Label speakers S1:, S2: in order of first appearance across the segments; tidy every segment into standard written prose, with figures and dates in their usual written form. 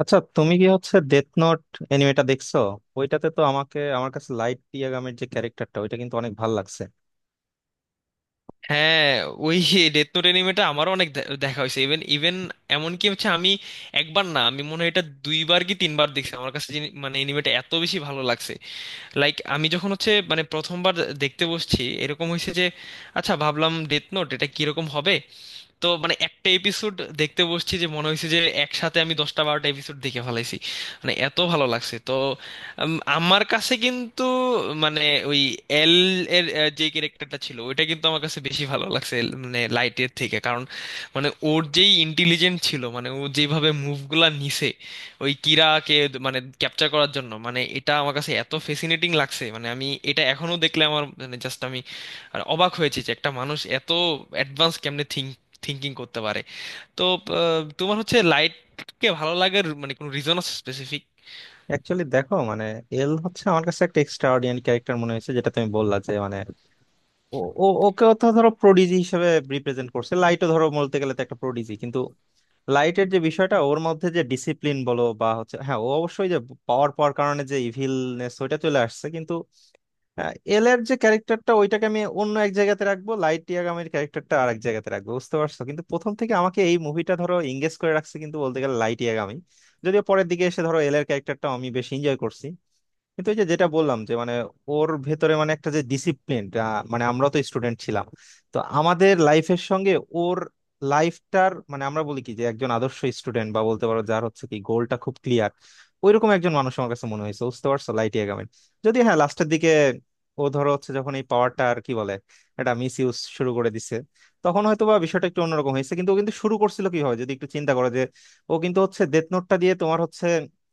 S1: আচ্ছা, তুমি কি ডেথ নোট এনিমেটা দেখছো? ওইটাতে তো আমাকে আমার কাছে লাইট ইয়াগামের যে ক্যারেক্টারটা, ওইটা কিন্তু অনেক ভালো লাগছে।
S2: হ্যাঁ, ওই ডেথ নোট অ্যানিমেটা আমারও অনেক দেখা হয়েছে। ইভেন ইভেন এমনকি হচ্ছে আমি একবার না, আমি মনে হয় এটা দুইবার কি তিনবার দেখছি। আমার কাছে মানে অ্যানিমেটা এত বেশি ভালো লাগছে। লাইক আমি যখন হচ্ছে মানে প্রথমবার দেখতে বসছি, এরকম হয়েছে যে আচ্ছা, ভাবলাম ডেথ নোট এটা কিরকম হবে। তো মানে একটা এপিসোড দেখতে বসছি, যে মনে হয়েছে যে একসাথে আমি দশটা বারোটা এপিসোড দেখে ফেলাইছি, মানে এত ভালো লাগছে। তো আমার কাছে কিন্তু মানে ওই এল এর যে ক্যারেক্টারটা ছিল, ওইটা কিন্তু আমার কাছে বেশি ভালো লাগছে মানে লাইটের থেকে। কারণ মানে ওর যেই ইন্টেলিজেন্ট ছিল, মানে ও যেভাবে মুভগুলা নিছে ওই কিরাকে মানে ক্যাপচার করার জন্য, মানে এটা আমার কাছে এত ফেসিনেটিং লাগছে। মানে আমি এটা এখনো দেখলে আমার মানে জাস্ট আমি আর অবাক হয়েছি যে একটা মানুষ এত অ্যাডভান্স কেমনে থিঙ্কিং করতে পারে। তো তোমার হচ্ছে লাইটকে ভালো লাগার মানে কোনো রিজন আছে স্পেসিফিক?
S1: অ্যাকচুয়ালি দেখো, এল হচ্ছে আমার কাছে একটা এক্সট্রা অর্ডিনারি ক্যারেক্টার মনে হয়েছে। যেটা তুমি বললা যে মানে, ও ওকেও তো ধরো প্রোডিজি হিসেবে রিপ্রেজেন্ট করছে, লাইটও ধরো বলতে গেলে তো একটা প্রোডিজি। কিন্তু লাইটের যে বিষয়টা, ওর মধ্যে যে ডিসিপ্লিন বলো বা হ্যাঁ, ও অবশ্যই যে পাওয়ার পাওয়ার কারণে যে ইভিলনেস ওইটা চলে আসছে কিন্তু। হ্যাঁ, এল এর যে ক্যারেক্টারটা ওইটাকে আমি অন্য এক জায়গাতে রাখবো, লাইট ইয়াগামের ক্যারেক্টারটা আর এক জায়গাতে রাখবো, বুঝতে পারছো? কিন্তু প্রথম থেকে আমাকে এই মুভিটা ধরো এঙ্গেজ করে রাখছে কিন্তু বলতে গেলে লাইট ইয়াগামি। যদিও পরের দিকে এসে ধরো এল এর ক্যারেক্টারটা আমি বেশি এনজয় করছি, কিন্তু এই যে যেটা বললাম যে মানে ওর ভেতরে মানে একটা যে ডিসিপ্লিন। মানে আমরা তো স্টুডেন্ট ছিলাম, তো আমাদের লাইফের সঙ্গে ওর লাইফটার, মানে আমরা বলি কি যে একজন আদর্শ স্টুডেন্ট বা বলতে পারো যার কি গোলটা খুব ক্লিয়ার, ওইরকম একজন মানুষ আমার কাছে মনে হয়েছে, বুঝতে পারছো, লাইটি এগামেন। যদি হ্যাঁ, লাস্টের দিকে ও ধরো যখন এই পাওয়ারটা, আর কি বলে, এটা মিস ইউজ শুরু করে দিছে, তখন হয়তো বা বিষয়টা একটু অন্যরকম হয়েছে। কিন্তু ও কিন্তু শুরু করছিল কিভাবে, যদি একটু চিন্তা করো যে ও কিন্তু ডেথ নোটটা দিয়ে তোমার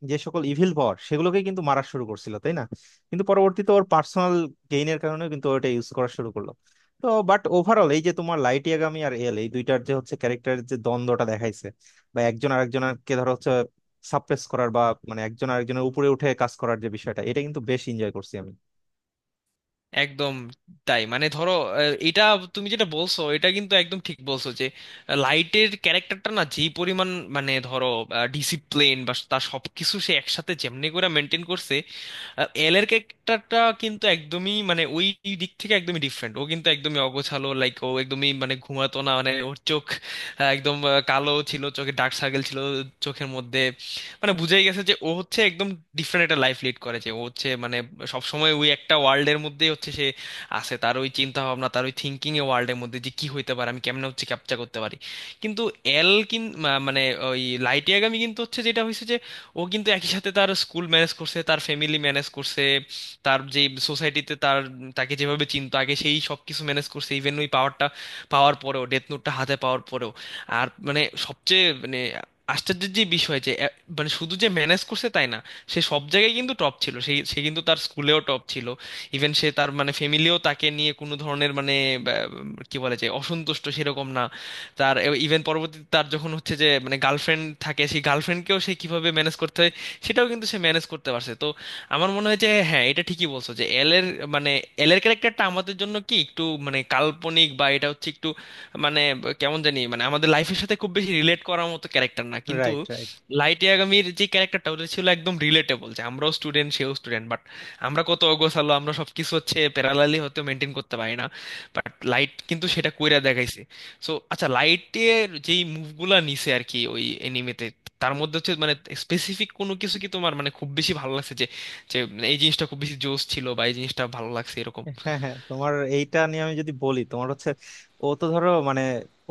S1: যে সকল ইভিল পাওয়ার সেগুলোকে কিন্তু মারা শুরু করছিল তাই না? কিন্তু পরবর্তীতে ওর পার্সোনাল গেইনের কারণে কিন্তু ওটা ইউজ করা শুরু করলো। তো বাট, ওভারঅল এই যে তোমার লাইট ইয়াগামি আর এল, এই দুইটার যে ক্যারেক্টারের যে দ্বন্দ্বটা দেখাইছে, বা একজন আরেকজনকে ধরো সাপ্রেস করার বা মানে একজন আরেকজনের উপরে উঠে কাজ করার যে বিষয়টা, এটা কিন্তু বেশ এনজয় করছি আমি।
S2: একদম। তাই মানে ধরো এটা তুমি যেটা বলছো, এটা কিন্তু একদম ঠিক বলছো যে লাইটের ক্যারেক্টারটা না যেই পরিমাণ মানে ধরো ডিসিপ্লিন বা তার সবকিছু সে একসাথে যেমনি করে মেনটেন করছে, এল এর ক্যারেক্টারটা কিন্তু একদমই মানে ওই দিক থেকে একদমই ডিফারেন্ট। ও কিন্তু একদমই অগোছালো, লাইক ও একদমই মানে ঘুমাতো না। মানে ওর চোখ একদম কালো ছিল, চোখে ডার্ক সার্কেল ছিল চোখের মধ্যে। মানে বুঝাই গেছে যে ও হচ্ছে একদম ডিফারেন্ট একটা লাইফ লিড করেছে। ও হচ্ছে মানে সব সময় ওই একটা ওয়ার্ল্ডের মধ্যেই হচ্ছে সে আছে, তার ওই চিন্তা ভাবনা, তার ওই থিঙ্কিং এ ওয়ার্ল্ডের মধ্যে যে কি হইতে পারে, আমি কেমনে হচ্ছে ক্যাপচার করতে পারি। কিন্তু এল মানে ওই লাইটিয়াগামি কিন্তু হচ্ছে যেটা হয়েছে, ও কিন্তু একই সাথে তার স্কুল ম্যানেজ করছে, তার ফ্যামিলি ম্যানেজ করছে, তার যে সোসাইটিতে তার তাকে যেভাবে চিনতো আগে সেই সব কিছু ম্যানেজ করছে ইভেন ওই পাওয়ারটা পাওয়ার পরেও, ডেথ নোটটা হাতে পাওয়ার পরেও। আর মানে সবচেয়ে মানে আশ্চর্যের যে বিষয় যে মানে শুধু যে ম্যানেজ করছে তাই না, সে সব জায়গায় কিন্তু টপ ছিল। সে সে কিন্তু তার স্কুলেও টপ ছিল। ইভেন সে তার মানে ফ্যামিলিও তাকে নিয়ে কোনো ধরনের মানে বা, কি বলে যে অসন্তুষ্ট সেরকম না তার। ইভেন পরবর্তীতে তার যখন হচ্ছে যে মানে গার্লফ্রেন্ড থাকে, সেই গার্লফ্রেন্ডকেও সে কিভাবে ম্যানেজ করতে হয় সেটাও কিন্তু সে ম্যানেজ করতে পারছে। তো আমার মনে হয় যে হ্যাঁ, এটা ঠিকই বলছো যে এল এর মানে এল এর ক্যারেক্টারটা আমাদের জন্য কি একটু মানে কাল্পনিক বা এটা হচ্ছে একটু মানে কেমন জানি মানে আমাদের লাইফের সাথে খুব বেশি রিলেট করার মতো ক্যারেক্টার না। কিন্তু
S1: রাইট, রাইট।
S2: লাইট ইয়াগামির যে ক্যারেক্টারটা ওটা ছিল একদম রিলেটেবল, যে আমরাও স্টুডেন্ট সেও স্টুডেন্ট, বাট আমরা কত অগোছালো, আমরা সবকিছু হচ্ছে প্যারালালি হয়তো মেনটেন করতে পারি না, বাট লাইট কিন্তু সেটা কইরা দেখাইছে। সো আচ্ছা, লাইটের যেই মুভগুলা নিছে আর কি ওই এনিমেতে, তার মধ্যে হচ্ছে মানে স্পেসিফিক কোনো কিছু কি তোমার মানে খুব বেশি ভালো লাগছে, যে যে এই জিনিসটা খুব বেশি জোশ ছিল বা এই জিনিসটা ভালো লাগছে এরকম?
S1: হ্যাঁ, হ্যাঁ, তোমার এইটা নিয়ে আমি যদি বলি, তোমার ও তো ধরো মানে,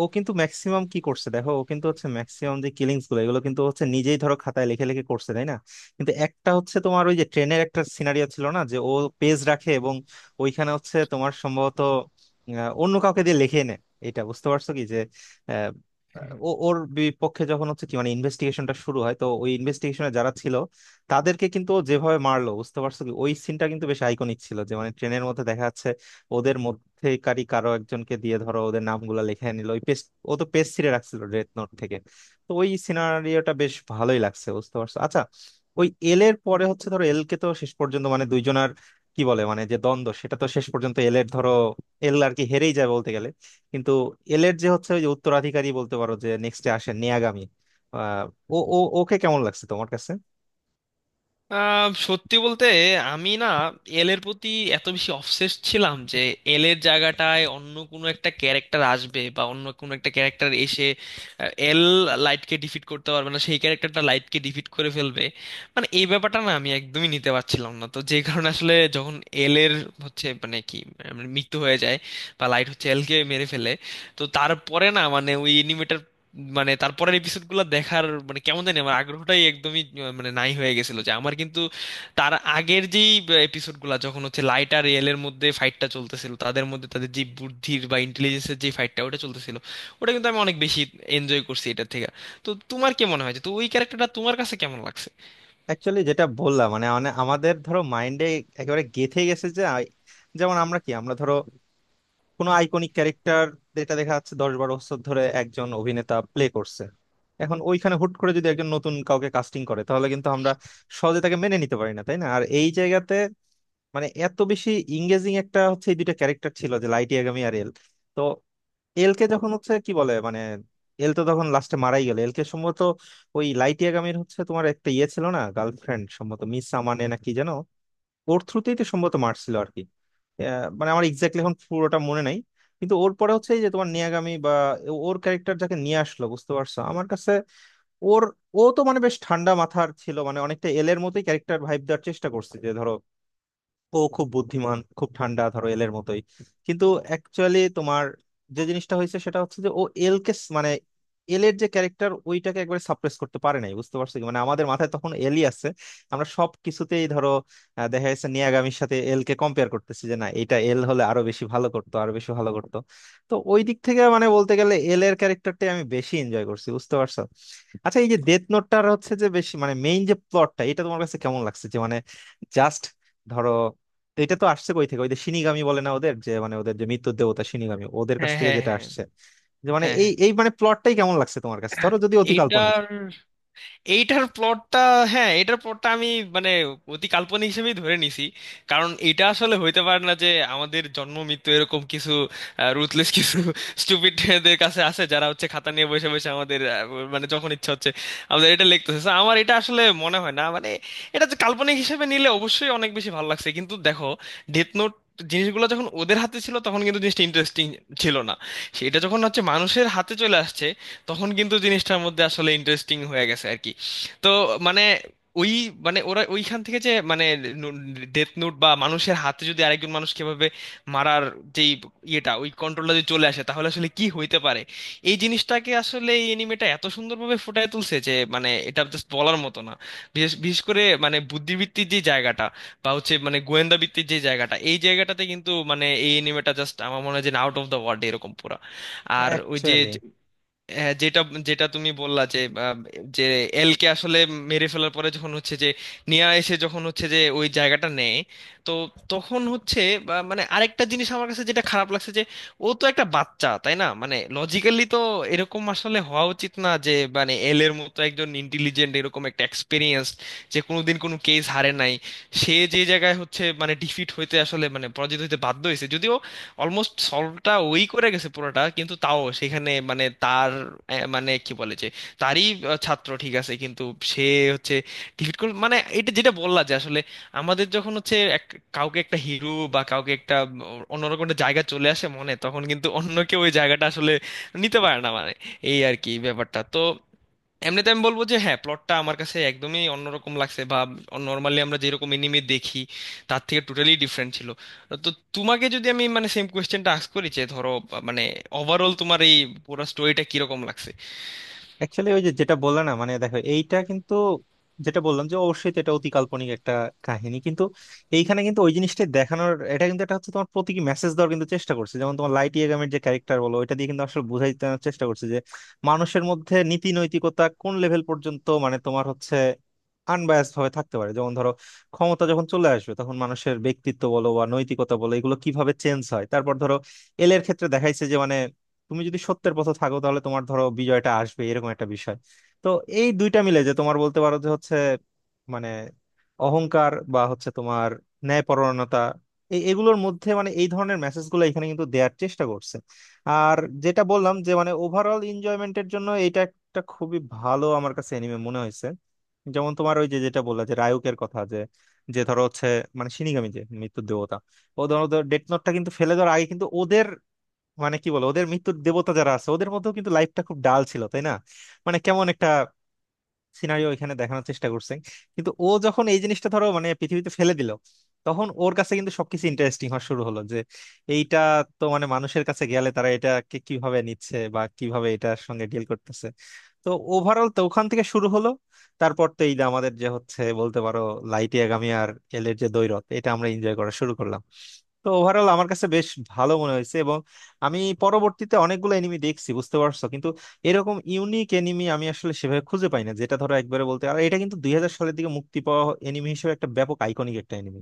S1: ও কিন্তু ম্যাক্সিমাম কি করছে দেখো, ও কিন্তু হচ্ছে ম্যাক্সিমাম যে কিলিংস গুলো এগুলো কিন্তু হচ্ছে নিজেই ধরো খাতায় লিখে লিখে করছে তাই না? কিন্তু একটা হচ্ছে তোমার ওই যে ট্রেনের একটা সিনারিও ছিল না, যে ও পেজ রাখে এবং ওইখানে হচ্ছে তোমার সম্ভবত অন্য কাউকে দিয়ে লিখে নেয়, এটা বুঝতে পারছো কি? যে আহ, ও ওর বিপক্ষে যখন হচ্ছে কি মানে ইনভেস্টিগেশনটা শুরু হয়, তো ওই ইনভেস্টিগেশনে যারা ছিল তাদেরকে কিন্তু ও যেভাবে মারলো, বুঝতে পারছো কি, ওই সিনটা কিন্তু বেশ আইকনিক ছিল। যে মানে ট্রেনের মধ্যে দেখা যাচ্ছে ওদের মধ্যেকারী কারো একজনকে দিয়ে ধরো ওদের নামগুলো লিখে নিল ওই পেস্ট, ও তো পেস্ট ছিঁড়ে রাখছিল ডেথ নোট থেকে। তো ওই সিনারিওটা বেশ ভালোই লাগছে, বুঝতে পারছো। আচ্ছা, ওই এল এর পরে হচ্ছে ধরো এল কে তো শেষ পর্যন্ত মানে দুইজনার কি বলে, মানে যে দ্বন্দ্ব, সেটা তো শেষ পর্যন্ত এল এর ধরো এল আর কি হেরেই যায় বলতে গেলে, কিন্তু এল এর যে হচ্ছে ওই যে উত্তরাধিকারী বলতে পারো, যে নেক্সটে আসে নেয়াগামী, আহ, ও ও ওকে কেমন লাগছে তোমার কাছে?
S2: সত্যি বলতে আমি না এল এর প্রতি এত বেশি অবসেসড ছিলাম যে এল এর জায়গাটায় অন্য কোনো একটা ক্যারেক্টার আসবে বা অন্য কোনো একটা ক্যারেক্টার এসে এল লাইটকে ডিফিট করতে পারবে না, সেই ক্যারেক্টারটা লাইটকে ডিফিট করে ফেলবে, মানে এই ব্যাপারটা না আমি একদমই নিতে পারছিলাম না। তো যে কারণে আসলে যখন এল এর হচ্ছে মানে কি মানে মৃত্যু হয়ে যায় বা লাইট হচ্ছে এলকে মেরে ফেলে, তো তারপরে না মানে ওই অ্যানিমেটার মানে তারপরের এপিসোড গুলো দেখার মানে কেমন জানি আমার আগ্রহটাই একদমই মানে নাই হয়ে গেছিল। যে আমার কিন্তু তার আগের যেই এপিসোড গুলা যখন হচ্ছে লাইট আর রিয়েলের মধ্যে ফাইটটা চলতেছিল, তাদের মধ্যে তাদের যে বুদ্ধির বা ইন্টেলিজেন্সের যে ফাইটটা ওটা চলতেছিল, ওটা কিন্তু আমি অনেক বেশি এনজয় করছি এটার থেকে। তো তোমার কি মনে হয় যে তো ওই ক্যারেক্টারটা তোমার কাছে কেমন লাগছে?
S1: অ্যাকচুয়ালি যেটা বললাম মানে মানে আমাদের ধরো মাইন্ডে একেবারে গেঁথে গেছে যে যেমন আমরা কি আমরা ধরো কোনো আইকনিক ক্যারেক্টার, যেটা দেখা যাচ্ছে 10-12 বছর ধরে একজন অভিনেতা প্লে করছে, এখন ওইখানে হুট করে যদি একজন নতুন কাউকে কাস্টিং করে তাহলে কিন্তু আমরা সহজে তাকে মেনে নিতে পারি না তাই না? আর এই জায়গাতে মানে এত বেশি ইংগেজিং একটা এই দুইটা ক্যারেক্টার ছিল, যে লাইটি আগামী আর এল। তো এল কে যখন হচ্ছে কি বলে মানে এল তো তখন লাস্টে মারাই গেল, এল কে সম্ভবত ওই লাইটি আগামীর তোমার একটা ইয়ে ছিল না, গার্লফ্রেন্ড, সম্ভবত মিস আমানে না কি যেন, ওর থ্রুতেই তো সম্ভবত মারছিল আর কি। মানে আমার এক্স্যাক্টলি এখন পুরোটা মনে নাই, কিন্তু ওর পরে হচ্ছে এই যে তোমার নিয়াগামী বা ওর ক্যারেক্টার যাকে নিয়ে আসলো, বুঝতে পারছো, আমার কাছে ওর, ও তো মানে বেশ ঠান্ডা মাথার ছিল, মানে অনেকটা এলের মতোই ক্যারেক্টার ভাইব দেওয়ার চেষ্টা করছে, যে ধরো ও খুব বুদ্ধিমান, খুব ঠান্ডা, ধরো এলের মতোই। কিন্তু অ্যাকচুয়ালি তোমার যে জিনিসটা হয়েছে সেটা হচ্ছে যে ও এলকে স- মানে এলের যে ক্যারেক্টার ওইটাকে একবারে সাপ্রেস করতে পারে নাই, বুঝতে পারছো কি, মানে আমাদের মাথায় তখন এলই আছে। আমরা সব কিছুতেই ধরো দেখা যাচ্ছে নিয়াগামির সাথে এলকে কম্পেয়ার করতেছি, যে না এটা এল হলে আরো বেশি ভালো করতো। তো ওই দিক থেকে মানে বলতে গেলে এল এর ক্যারেক্টারটাই আমি বেশি এনজয় করছি, বুঝতে পারছো। আচ্ছা, এই যে ডেথ নোটটার যে বেশি মানে মেইন যে প্লটটা, এটা তোমার কাছে কেমন লাগছে? যে মানে জাস্ট ধরো, তো এটা তো আসছে কই থেকে, ওই যে শিনিগামী বলে না, ওদের যে মানে ওদের যে মৃত্যুর দেবতা শিনিগামী ওদের কাছ
S2: হ্যাঁ,
S1: থেকে
S2: হ্যাঁ,
S1: যেটা
S2: হ্যাঁ।
S1: আসছে, যে মানে
S2: হ্যাঁ,
S1: এই
S2: হ্যাঁ।
S1: এই মানে প্লটটাই কেমন লাগছে তোমার কাছে? ধরো যদি অতি কাল্পনিক।
S2: এটার এইটার প্লটটা, হ্যাঁ, এটার প্লটটা আমি মানে অতি কাল্পনিক হিসেবেই ধরে নিছি। কারণ এটা আসলে হইতে পারে না যে আমাদের জন্ম মৃত্যু এরকম কিছু রুথলেস কিছু স্টুপিডদের কাছে আছে, যারা হচ্ছে খাতা নিয়ে বসে বসে আমাদের মানে যখন ইচ্ছা হচ্ছে আমাদের এটা লিখতেছে। So, আমার এটা আসলে মনে হয় না মানে এটা যে। কাল্পনিক হিসেবে নিলে অবশ্যই অনেক বেশি ভালো লাগছে কিন্তু দেখো ডেথ নোট জিনিসগুলো যখন ওদের হাতে ছিল তখন কিন্তু জিনিসটা ইন্টারেস্টিং ছিল না। সেটা যখন হচ্ছে মানুষের হাতে চলে আসছে, তখন কিন্তু জিনিসটার মধ্যে আসলে ইন্টারেস্টিং হয়ে গেছে আর কি। তো মানে ওই মানে ওরা ওইখান থেকে যে মানে ডেথ নোট বা মানুষের হাতে যদি আরেকজন মানুষ কিভাবে মারার যেই ইয়েটা ওই কন্ট্রোলটা যদি চলে আসে তাহলে আসলে কি হইতে পারে, এই জিনিসটাকে আসলে এই এনিমেটা এত সুন্দরভাবে ফুটায় তুলছে যে মানে এটা জাস্ট বলার মতো না। বিশেষ বিশেষ করে মানে বুদ্ধিবৃত্তির যে জায়গাটা বা হচ্ছে মানে গোয়েন্দা ভিত্তির যে জায়গাটা, এই জায়গাটাতে কিন্তু মানে এই এনিমেটা জাস্ট আমার মনে হয় যে আউট অফ দ্য ওয়ার্ল্ড এরকম পুরা। আর ওই যে
S1: অ্যাকচুয়ালি
S2: হ্যাঁ, যেটা যেটা তুমি বললা যে আহ, যে এলকে আসলে মেরে ফেলার পরে যখন হচ্ছে যে নিয়া এসে যখন হচ্ছে যে ওই জায়গাটা নেয়, তো তখন হচ্ছে বা মানে আরেকটা জিনিস আমার কাছে যেটা খারাপ লাগছে যে ও তো একটা বাচ্চা তাই না, মানে লজিক্যালি তো এরকম আসলে হওয়া উচিত না যে মানে এল এর মতো একজন ইন্টেলিজেন্ট এরকম একটা এক্সপিরিয়েন্স, যে কোনোদিন কোনো কেস হারে নাই, সে যে জায়গায় হচ্ছে মানে ডিফিট হইতে আসলে মানে পরাজিত হইতে বাধ্য হয়েছে, যদিও অলমোস্ট সলভটা ওই করে গেছে পুরোটা কিন্তু তাও সেখানে মানে তার মানে কি বলে যে তারই ছাত্র, ঠিক আছে কিন্তু সে হচ্ছে ডিফিট করল। মানে এটা যেটা বললা যে আসলে আমাদের যখন হচ্ছে এক কাউকে একটা হিরো বা কাউকে একটা অন্যরকম একটা জায়গা চলে আসে মনে, তখন কিন্তু অন্য কেউ ওই জায়গাটা আসলে নিতে পারে না মানে, এই আর কি ব্যাপারটা। তো এমনিতে আমি বলবো যে হ্যাঁ, প্লটটা আমার কাছে একদমই অন্যরকম লাগছে বা নর্মালি আমরা যেরকম এনিমে দেখি তার থেকে টোটালি ডিফারেন্ট ছিল। তো তোমাকে যদি আমি মানে সেম কোয়েশ্চেনটা আস্ক করি যে ধরো বা মানে ওভারঅল তোমার এই পুরো স্টোরিটা কিরকম লাগছে?
S1: অ্যাকচুয়ালি ওই যে যেটা বললে না, মানে দেখো এইটা কিন্তু, যেটা বললাম যে অবশ্যই তো এটা অতি কাল্পনিক একটা কাহিনী। কিন্তু এইখানে কিন্তু ওই জিনিসটা দেখানোর, এটা কিন্তু এটা হচ্ছে তোমার প্রতীকী মেসেজ দেওয়ার কিন্তু চেষ্টা করছে। যেমন তোমার লাইট ইয়াগামের যে ক্যারেক্টার বলো, ওইটা দিয়ে কিন্তু আসলে বুঝাই দেওয়ার চেষ্টা করছে যে মানুষের মধ্যে নীতি নৈতিকতা কোন লেভেল পর্যন্ত, মানে তোমার আনবায়াসড ভাবে থাকতে পারে। যেমন ধরো ক্ষমতা যখন চলে আসবে তখন মানুষের ব্যক্তিত্ব বলো বা নৈতিকতা বলো এগুলো কিভাবে চেঞ্জ হয়। তারপর ধরো এলের ক্ষেত্রে দেখাইছে যে মানে তুমি যদি সত্যের পথে থাকো তাহলে তোমার ধরো বিজয়টা আসবে, এরকম একটা বিষয়। তো এই দুইটা মিলে যে তোমার বলতে পারো যে মানে অহংকার বা হচ্ছে তোমার ন্যায়পরায়ণতা, এগুলোর মধ্যে মানে এই ধরনের মেসেজ গুলো এখানে কিন্তু দেওয়ার চেষ্টা করছে। আর যেটা বললাম যে মানে ওভারঅল এনজয়মেন্টের জন্য এটা একটা খুবই ভালো আমার কাছে এনিমে মনে হয়েছে। যেমন তোমার ওই যে যেটা বললা যে রায়ুকের কথা, যে যে ধরো মানে শিনিগামী, যে মৃত্যুর দেবতা, ও ধরো ডেথ নোটটা কিন্তু ফেলে দেওয়ার আগে কিন্তু ওদের মানে কি বলো ওদের মৃত্যুর দেবতা যারা আছে ওদের মধ্যেও কিন্তু লাইফটা খুব ডাল ছিল তাই না? মানে কেমন একটা সিনারিও এখানে দেখানোর চেষ্টা করছে। কিন্তু ও যখন এই জিনিসটা ধরো মানে পৃথিবীতে ফেলে দিল, তখন ওর কাছে কিন্তু সবকিছু ইন্টারেস্টিং হওয়া শুরু হলো, যে এইটা তো মানে মানুষের কাছে গেলে তারা এটাকে কিভাবে নিচ্ছে বা কিভাবে এটার সঙ্গে ডিল করতেছে। তো ওভারঅল তো ওখান থেকে শুরু হলো। তারপর তো এই যে আমাদের যে বলতে পারো লাইটি আগামী আর এলের যে দ্বৈরথ, এটা আমরা এনজয় করা শুরু করলাম। তো ওভারঅল আমার কাছে বেশ ভালো মনে হয়েছে। এবং আমি পরবর্তীতে অনেকগুলো এনিমি দেখছি, বুঝতে পারছো, কিন্তু এরকম ইউনিক এনিমি আমি আসলে সেভাবে খুঁজে পাই না, যেটা ধরো একবারে বলতে। আর এটা কিন্তু 2000 সালের দিকে মুক্তি পাওয়া এনিমি হিসেবে একটা ব্যাপক আইকনিক একটা এনিমি।